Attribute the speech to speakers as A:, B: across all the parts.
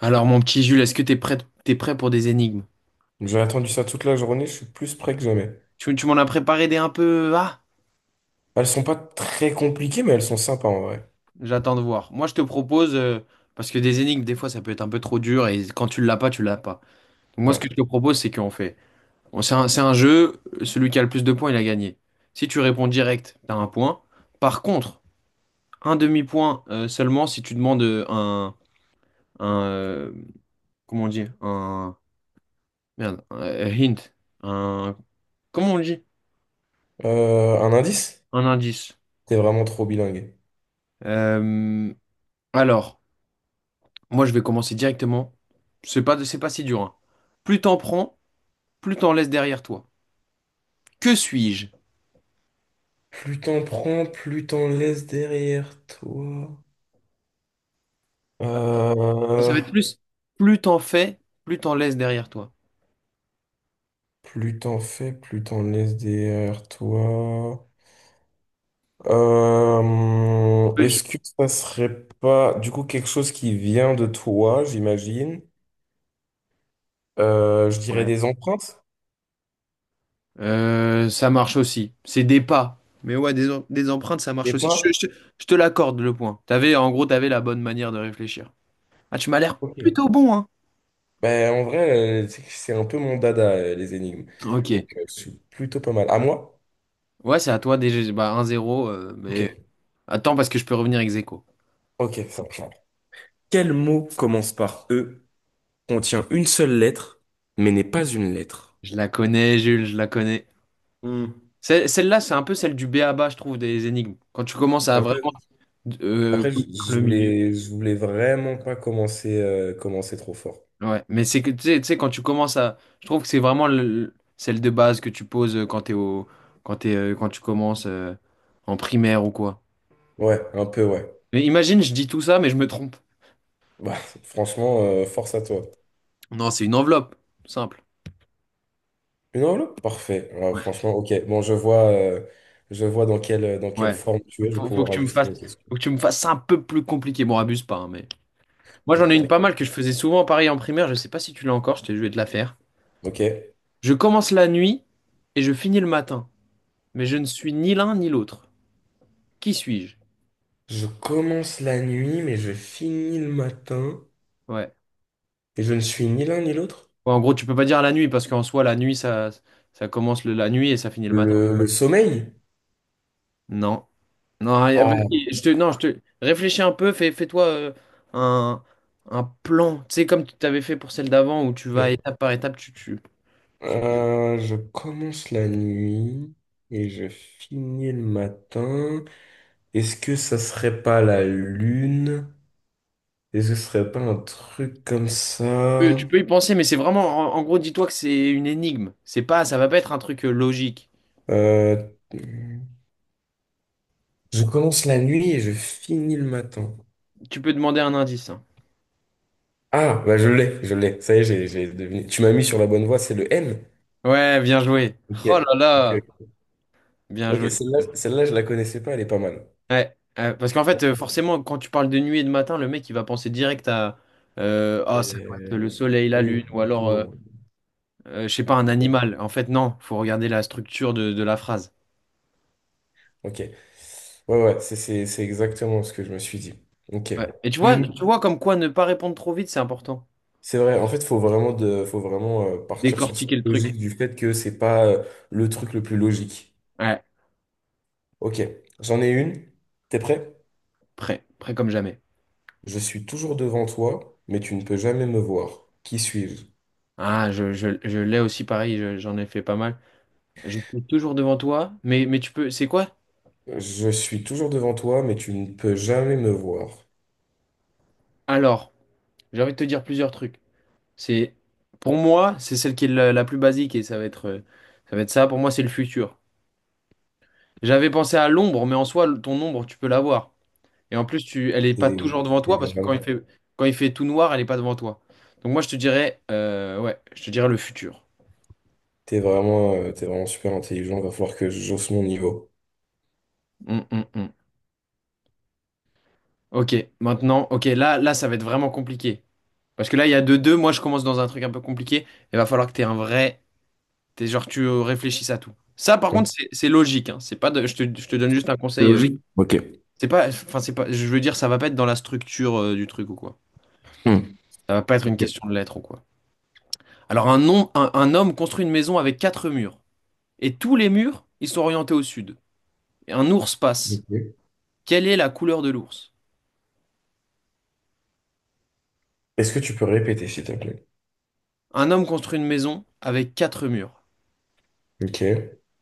A: Alors, mon petit Jules, est-ce que t'es prêt pour des énigmes?
B: J'ai attendu ça toute la journée, je suis plus prêt que jamais.
A: Tu m'en as préparé des un peu. Ah,
B: Elles sont pas très compliquées, mais elles sont sympas en vrai.
A: j'attends de voir. Moi, je te propose, parce que des énigmes, des fois, ça peut être un peu trop dur, et quand tu l'as pas, tu l'as pas. Donc, moi, ce que
B: Ouais.
A: je te propose, c'est qu'on fait, c'est un jeu, celui qui a le plus de points, il a gagné. Si tu réponds direct, t'as un point. Par contre, un demi-point seulement si tu demandes un comment on dit? Merde, hint. Un... Comment on dit?
B: Un indice?
A: Un indice.
B: T'es vraiment trop bilingue.
A: Euh, alors, moi, je vais commencer directement. C'est pas si dur, hein. Plus t'en prends, plus t'en laisses derrière toi. Que suis-je?
B: Plus t'en prends, plus t'en laisses derrière toi.
A: Ça
B: Euh,
A: va être plus. Plus t'en fais, plus t'en laisses derrière toi.
B: plus t'en fais, plus t'en laisses derrière toi. Euh,
A: Ouais.
B: est-ce que ça serait pas du coup quelque chose qui vient de toi, j'imagine? Je dirais
A: Ouais.
B: des empreintes,
A: Ça marche aussi. C'est des pas. Mais ouais, des empreintes, ça marche
B: des
A: aussi. Je,
B: pas?
A: je te je te l'accorde, le point. T'avais, en gros, t'avais la bonne manière de réfléchir. Ah, tu m'as l'air
B: Ok.
A: plutôt bon, hein.
B: Ben, en vrai, tu sais que c'est un peu mon dada, les énigmes.
A: Ok.
B: Donc, je suis plutôt pas mal. À moi?
A: Ouais, c'est à toi, déjà, bah, 1-0, mais...
B: Ok,
A: Attends, parce que je peux revenir ex aequo.
B: ok, ça marche. Quel mot commence par E, contient une seule lettre, mais n'est pas une lettre?
A: Je la connais, Jules, je la connais.
B: Hmm.
A: Celle-là, c'est un peu celle du B.A.B.A., je trouve, des énigmes. Quand tu commences à
B: Un peu.
A: vraiment,
B: Après, je
A: connaître
B: je
A: le milieu.
B: voulais, je voulais vraiment pas commencer, commencer trop fort.
A: Ouais, mais c'est que, tu sais, quand tu commences à... Je trouve que c'est vraiment celle de base que tu poses quand tu commences en primaire ou quoi.
B: Ouais, un peu, ouais.
A: Mais imagine, je dis tout ça, mais je me trompe.
B: Bah, franchement, force à toi.
A: Non, c'est une enveloppe, simple.
B: Une enveloppe? Parfait. Ouais,
A: Ouais.
B: franchement, ok. Bon, je vois dans dans quelle
A: Ouais.
B: forme tu es. Je vais
A: Faut que
B: pouvoir
A: tu me
B: ajuster
A: fasses,
B: mes questions.
A: faut que tu me fasses un peu plus compliqué. Bon, abuse pas, hein, mais... Moi,
B: Non,
A: j'en ai une
B: t'inquiète.
A: pas mal que je faisais souvent pareil en primaire. Je sais pas si tu l'as encore, je vais te la faire.
B: Ok.
A: Je commence la nuit et je finis le matin, mais je ne suis ni l'un ni l'autre. Qui suis-je?
B: Je commence la nuit, mais je finis le matin.
A: Ouais.
B: Et je ne suis ni l'un ni l'autre.
A: Ouais, en gros, tu peux pas dire la nuit parce qu'en soi, la nuit, ça commence la nuit et ça finit le matin.
B: Le sommeil?
A: Non. Non,
B: Ah,
A: vas-y, non, je te réfléchis un peu, fais-toi un, un plan, tu sais, comme tu t'avais fait pour celle d'avant où tu vas
B: ok.
A: étape par étape, tu- tu
B: Je commence la nuit et je finis le matin. Est-ce que ça serait pas la lune? Est-ce que ce serait pas un truc comme
A: peux,
B: ça?
A: tu peux y penser, mais c'est vraiment, en gros, dis-toi que c'est une énigme. C'est pas, ça va pas être un truc logique.
B: Euh, je commence la nuit et je finis le matin.
A: Tu peux demander un indice, hein.
B: Ah, bah je l'ai, je l'ai. Ça y est, j'ai deviné. Tu m'as mis sur la bonne voie, c'est le N.
A: Ouais, bien joué.
B: Ok.
A: Oh là là,
B: Ok.
A: bien
B: Ok,
A: joué.
B: celle-là, je la connaissais pas, elle est pas mal.
A: Ouais, parce qu'en fait,
B: Bon,
A: forcément, quand tu parles de nuit et de matin, le mec, il va penser direct à ah, ça doit
B: Euh,
A: être le soleil, la
B: oui,
A: lune, ou
B: du
A: alors,
B: coup,
A: je sais pas, un
B: euh,
A: animal. En fait, non, faut regarder la structure de la phrase.
B: ok. Ouais, ouais, c'est exactement ce que je me suis dit. Ok.
A: Ouais. Et tu vois, tu
B: Une.
A: vois comme quoi ne pas répondre trop vite, c'est important.
B: C'est vrai, en fait, faut vraiment partir sur cette
A: Décortiquer le truc.
B: logique du fait que c'est pas le truc le plus logique.
A: Ouais,
B: Ok, j'en ai une. T'es prêt?
A: prêt, prêt comme jamais.
B: Je suis toujours devant toi, mais tu ne peux jamais me voir. Qui suis-je?
A: Ah, je l'ai aussi pareil, j'en ai fait pas mal. Je suis toujours devant toi, mais tu peux. C'est quoi?
B: Je suis toujours devant toi, mais tu ne peux jamais me voir.
A: Alors, j'ai envie de te dire plusieurs trucs. C'est, pour moi, c'est celle qui est la plus basique et ça va être ça. Pour moi, c'est le futur. J'avais pensé à l'ombre, mais en soi, ton ombre, tu peux l'avoir. Et en plus, elle est pas
B: T'es
A: toujours devant
B: t'es
A: toi parce que
B: vraiment
A: quand il fait tout noir, elle est pas devant toi. Donc moi, je te dirais, ouais, je te dirais le futur.
B: T'es vraiment super intelligent, va falloir que j'hausse mon niveau.
A: Hum, hum, hum. Ok, maintenant, ok, là, ça va être vraiment compliqué. Parce que là, il y a deux. Moi, je commence dans un truc un peu compliqué. Il va falloir que t'aies un vrai, t'es genre, tu réfléchisses à tout. Ça, par
B: Ok.
A: contre, c'est logique, hein. C'est pas je te donne juste un
B: C'est
A: conseil.
B: logique. Ok.
A: C'est pas, enfin c'est pas, je veux dire, ça va pas être dans la structure du truc ou quoi.
B: Hmm.
A: Ça va pas être une
B: Ok.
A: question de lettres ou quoi. Alors un homme construit une maison avec quatre murs et tous les murs ils sont orientés au sud. Et un ours passe.
B: Ok.
A: Quelle est la couleur de l'ours?
B: Est-ce que tu peux répéter, s'il te plaît?
A: Un homme construit une maison avec quatre murs
B: Ok.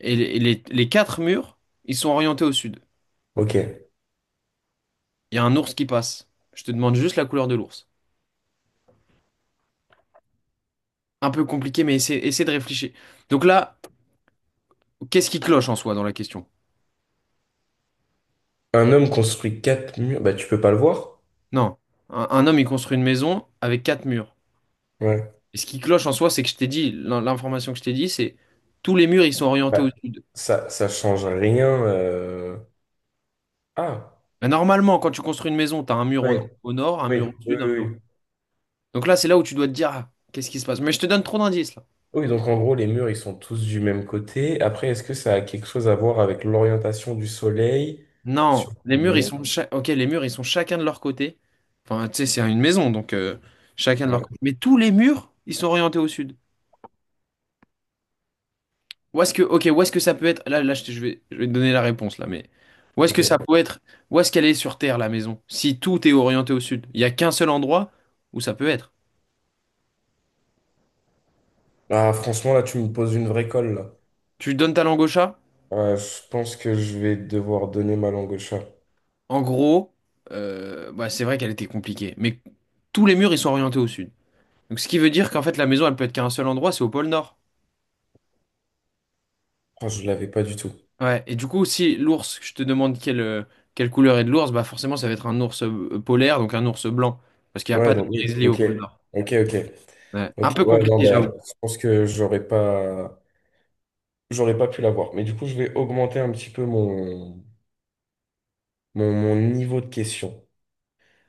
A: et les quatre murs ils sont orientés au sud.
B: Ok.
A: Il y a un ours qui passe. Je te demande juste la couleur de l'ours. Un peu compliqué, mais essaie de réfléchir. Donc là, qu'est-ce qui cloche en soi dans la question?
B: Un homme construit quatre murs. Bah, tu peux pas le voir?
A: Non, un homme il construit une maison avec quatre murs.
B: Ouais.
A: Et ce qui cloche en soi, c'est que je t'ai dit, l'information que je t'ai dit, c'est tous les murs, ils sont orientés au
B: Bah,
A: sud.
B: ça change rien. Ah,
A: Mais normalement, quand tu construis une maison, tu as un mur au,
B: ouais.
A: au nord, un
B: Oui,
A: mur au
B: oui,
A: sud,
B: oui.
A: un mur.
B: Oui,
A: Donc là, c'est là où tu dois te dire, ah, qu'est-ce qui se passe? Mais je te donne trop d'indices là.
B: oui, donc en gros, les murs, ils sont tous du même côté. Après, est-ce que ça a quelque chose à voir avec l'orientation du soleil
A: Non,
B: sur
A: les
B: les
A: murs, ils
B: murs?
A: sont ok, les murs, ils sont chacun de leur côté. Enfin, tu sais, c'est une maison, donc chacun de leur
B: Ouais,
A: côté. Mais tous les murs, ils sont orientés au sud. Où est-ce que, ok, où est-ce que ça peut être? Là, je vais te donner la réponse là, mais où est-ce que ça
B: ok.
A: peut être? Où est-ce qu'elle est sur Terre, la maison? Si tout est orienté au sud, il n'y a qu'un seul endroit où ça peut être.
B: Ah, franchement, là, tu me poses une vraie colle, là.
A: Tu donnes ta langue au chat?
B: Ouais, je pense que je vais devoir donner ma langue au chat.
A: En gros, bah, c'est vrai qu'elle était compliquée, mais tous les murs ils sont orientés au sud. Donc, ce qui veut dire qu'en fait, la maison, elle peut être qu'à un seul endroit, c'est au pôle Nord.
B: Oh, je l'avais pas du tout.
A: Ouais. Et du coup, si l'ours, je te demande quelle couleur est de l'ours, bah forcément, ça va être un ours polaire, donc un ours blanc, parce qu'il n'y a
B: Ouais,
A: pas de
B: donc oui,
A: grizzly au
B: ok,
A: pôle Nord.
B: ok, ok,
A: Ouais. Un
B: ok.
A: peu
B: Ouais, non,
A: compliqué,
B: mais
A: j'avoue.
B: je pense que j'aurais pas pu l'avoir. Mais du coup, je vais augmenter un petit peu mon niveau de question.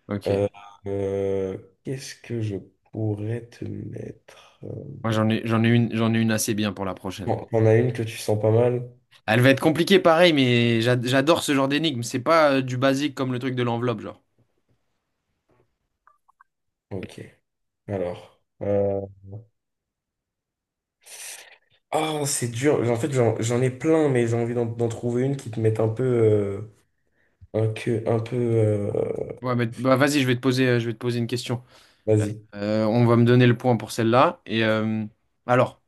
A: Ok.
B: Euh, euh, qu'est-ce que je pourrais te mettre?
A: Moi, j'en ai une assez bien pour la prochaine.
B: Bon, t'en as une que tu sens pas mal?
A: Elle va être compliquée, pareil, mais j'adore ce genre d'énigme. C'est pas du basique comme le truc de l'enveloppe, genre.
B: Ok. Alors, ah, c'est dur. En fait, j'en ai plein, mais j'ai envie d'en trouver une qui te mette un peu. Un peu...
A: Ouais, mais bah, vas-y, je vais te poser, je vais te poser une question.
B: vas-y.
A: On va me donner le point pour celle-là. Et alors,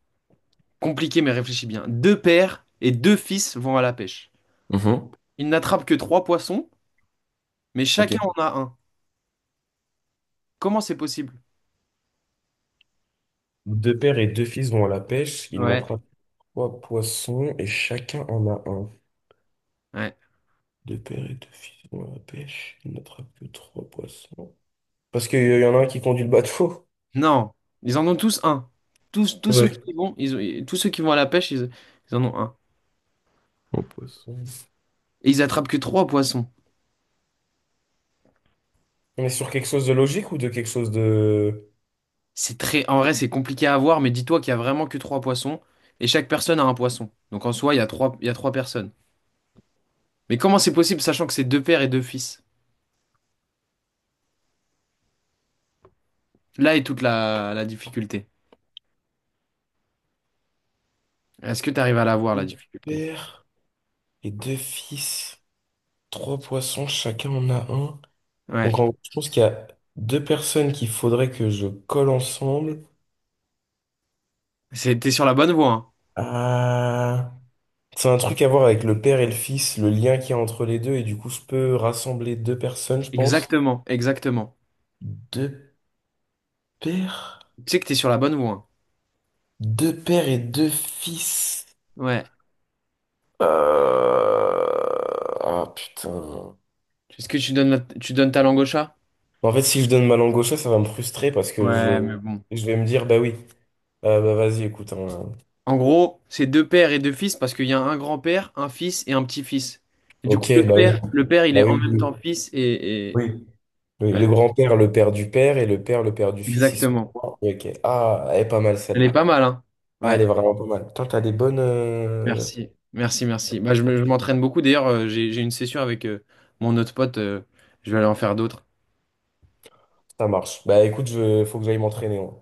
A: compliqué, mais réfléchis bien. Deux pères et deux fils vont à la pêche.
B: Mhm.
A: Ils n'attrapent que trois poissons, mais
B: Ok.
A: chacun en a un. Comment c'est possible?
B: Deux pères et deux fils vont à la pêche. Ils
A: Ouais.
B: n'attrapent trois poissons et chacun en a un.
A: Ouais.
B: Deux pères et deux fils vont à la pêche. Ils n'attrapent que trois poissons. Parce qu'il y en a un qui conduit le bateau.
A: Non, ils en ont tous un. Tous ceux qui
B: Ouais.
A: y vont, tous ceux qui vont à la pêche, ils en ont un.
B: Bon, poisson.
A: Et ils attrapent que trois poissons.
B: On est sur quelque chose de logique ou de quelque chose de...
A: C'est très, en vrai, c'est compliqué à voir, mais dis-toi qu'il y a vraiment que trois poissons et chaque personne a un poisson. Donc en soi, il y a trois personnes. Mais comment c'est possible sachant que c'est deux pères et deux fils? Là est toute la difficulté. Est-ce que tu arrives à la voir, la
B: Deux
A: difficulté?
B: pères et deux fils. Trois poissons, chacun en a un.
A: Ouais.
B: Donc en gros, je pense qu'il y a deux personnes qu'il faudrait que je colle ensemble.
A: T'es sur la bonne voie, hein.
B: Ah, c'est un truc à voir avec le père et le fils, le lien qu'il y a entre les deux, et du coup, je peux rassembler deux personnes, je pense.
A: Exactement, exactement.
B: Deux pères?
A: Tu sais que t'es sur la bonne voie, hein.
B: Deux pères et deux fils.
A: Ouais.
B: Euh, Ah putain.
A: Est-ce que tu donnes ta langue au chat?
B: En fait, si je donne ma langue au chat, ça va me frustrer parce que
A: Ouais, mais bon.
B: je vais me dire, bah oui, Ah, bah vas-y, écoute, hein.
A: En gros, c'est deux pères et deux fils parce qu'il y a un grand-père, un fils et un petit-fils. Et du coup,
B: Ok,
A: le
B: bah oui,
A: père, le père, il est en
B: oui,
A: même
B: oui.
A: temps fils et-
B: Oui, oui,
A: ouais.
B: le grand-père, le père du père, et le père du fils, ils sont
A: Exactement.
B: trois. Ok, ah, elle est pas mal
A: Elle est pas
B: celle-là.
A: mal, hein?
B: Ah,
A: Ouais,
B: elle est vraiment pas mal. Toi, t'as des bonnes.
A: merci. Merci, merci. Bah, je m'entraîne beaucoup. D'ailleurs, j'ai une session avec mon autre pote. Je vais aller en faire d'autres.
B: Ça marche. Bah écoute, je... faut que j'aille m'entraîner. Hein.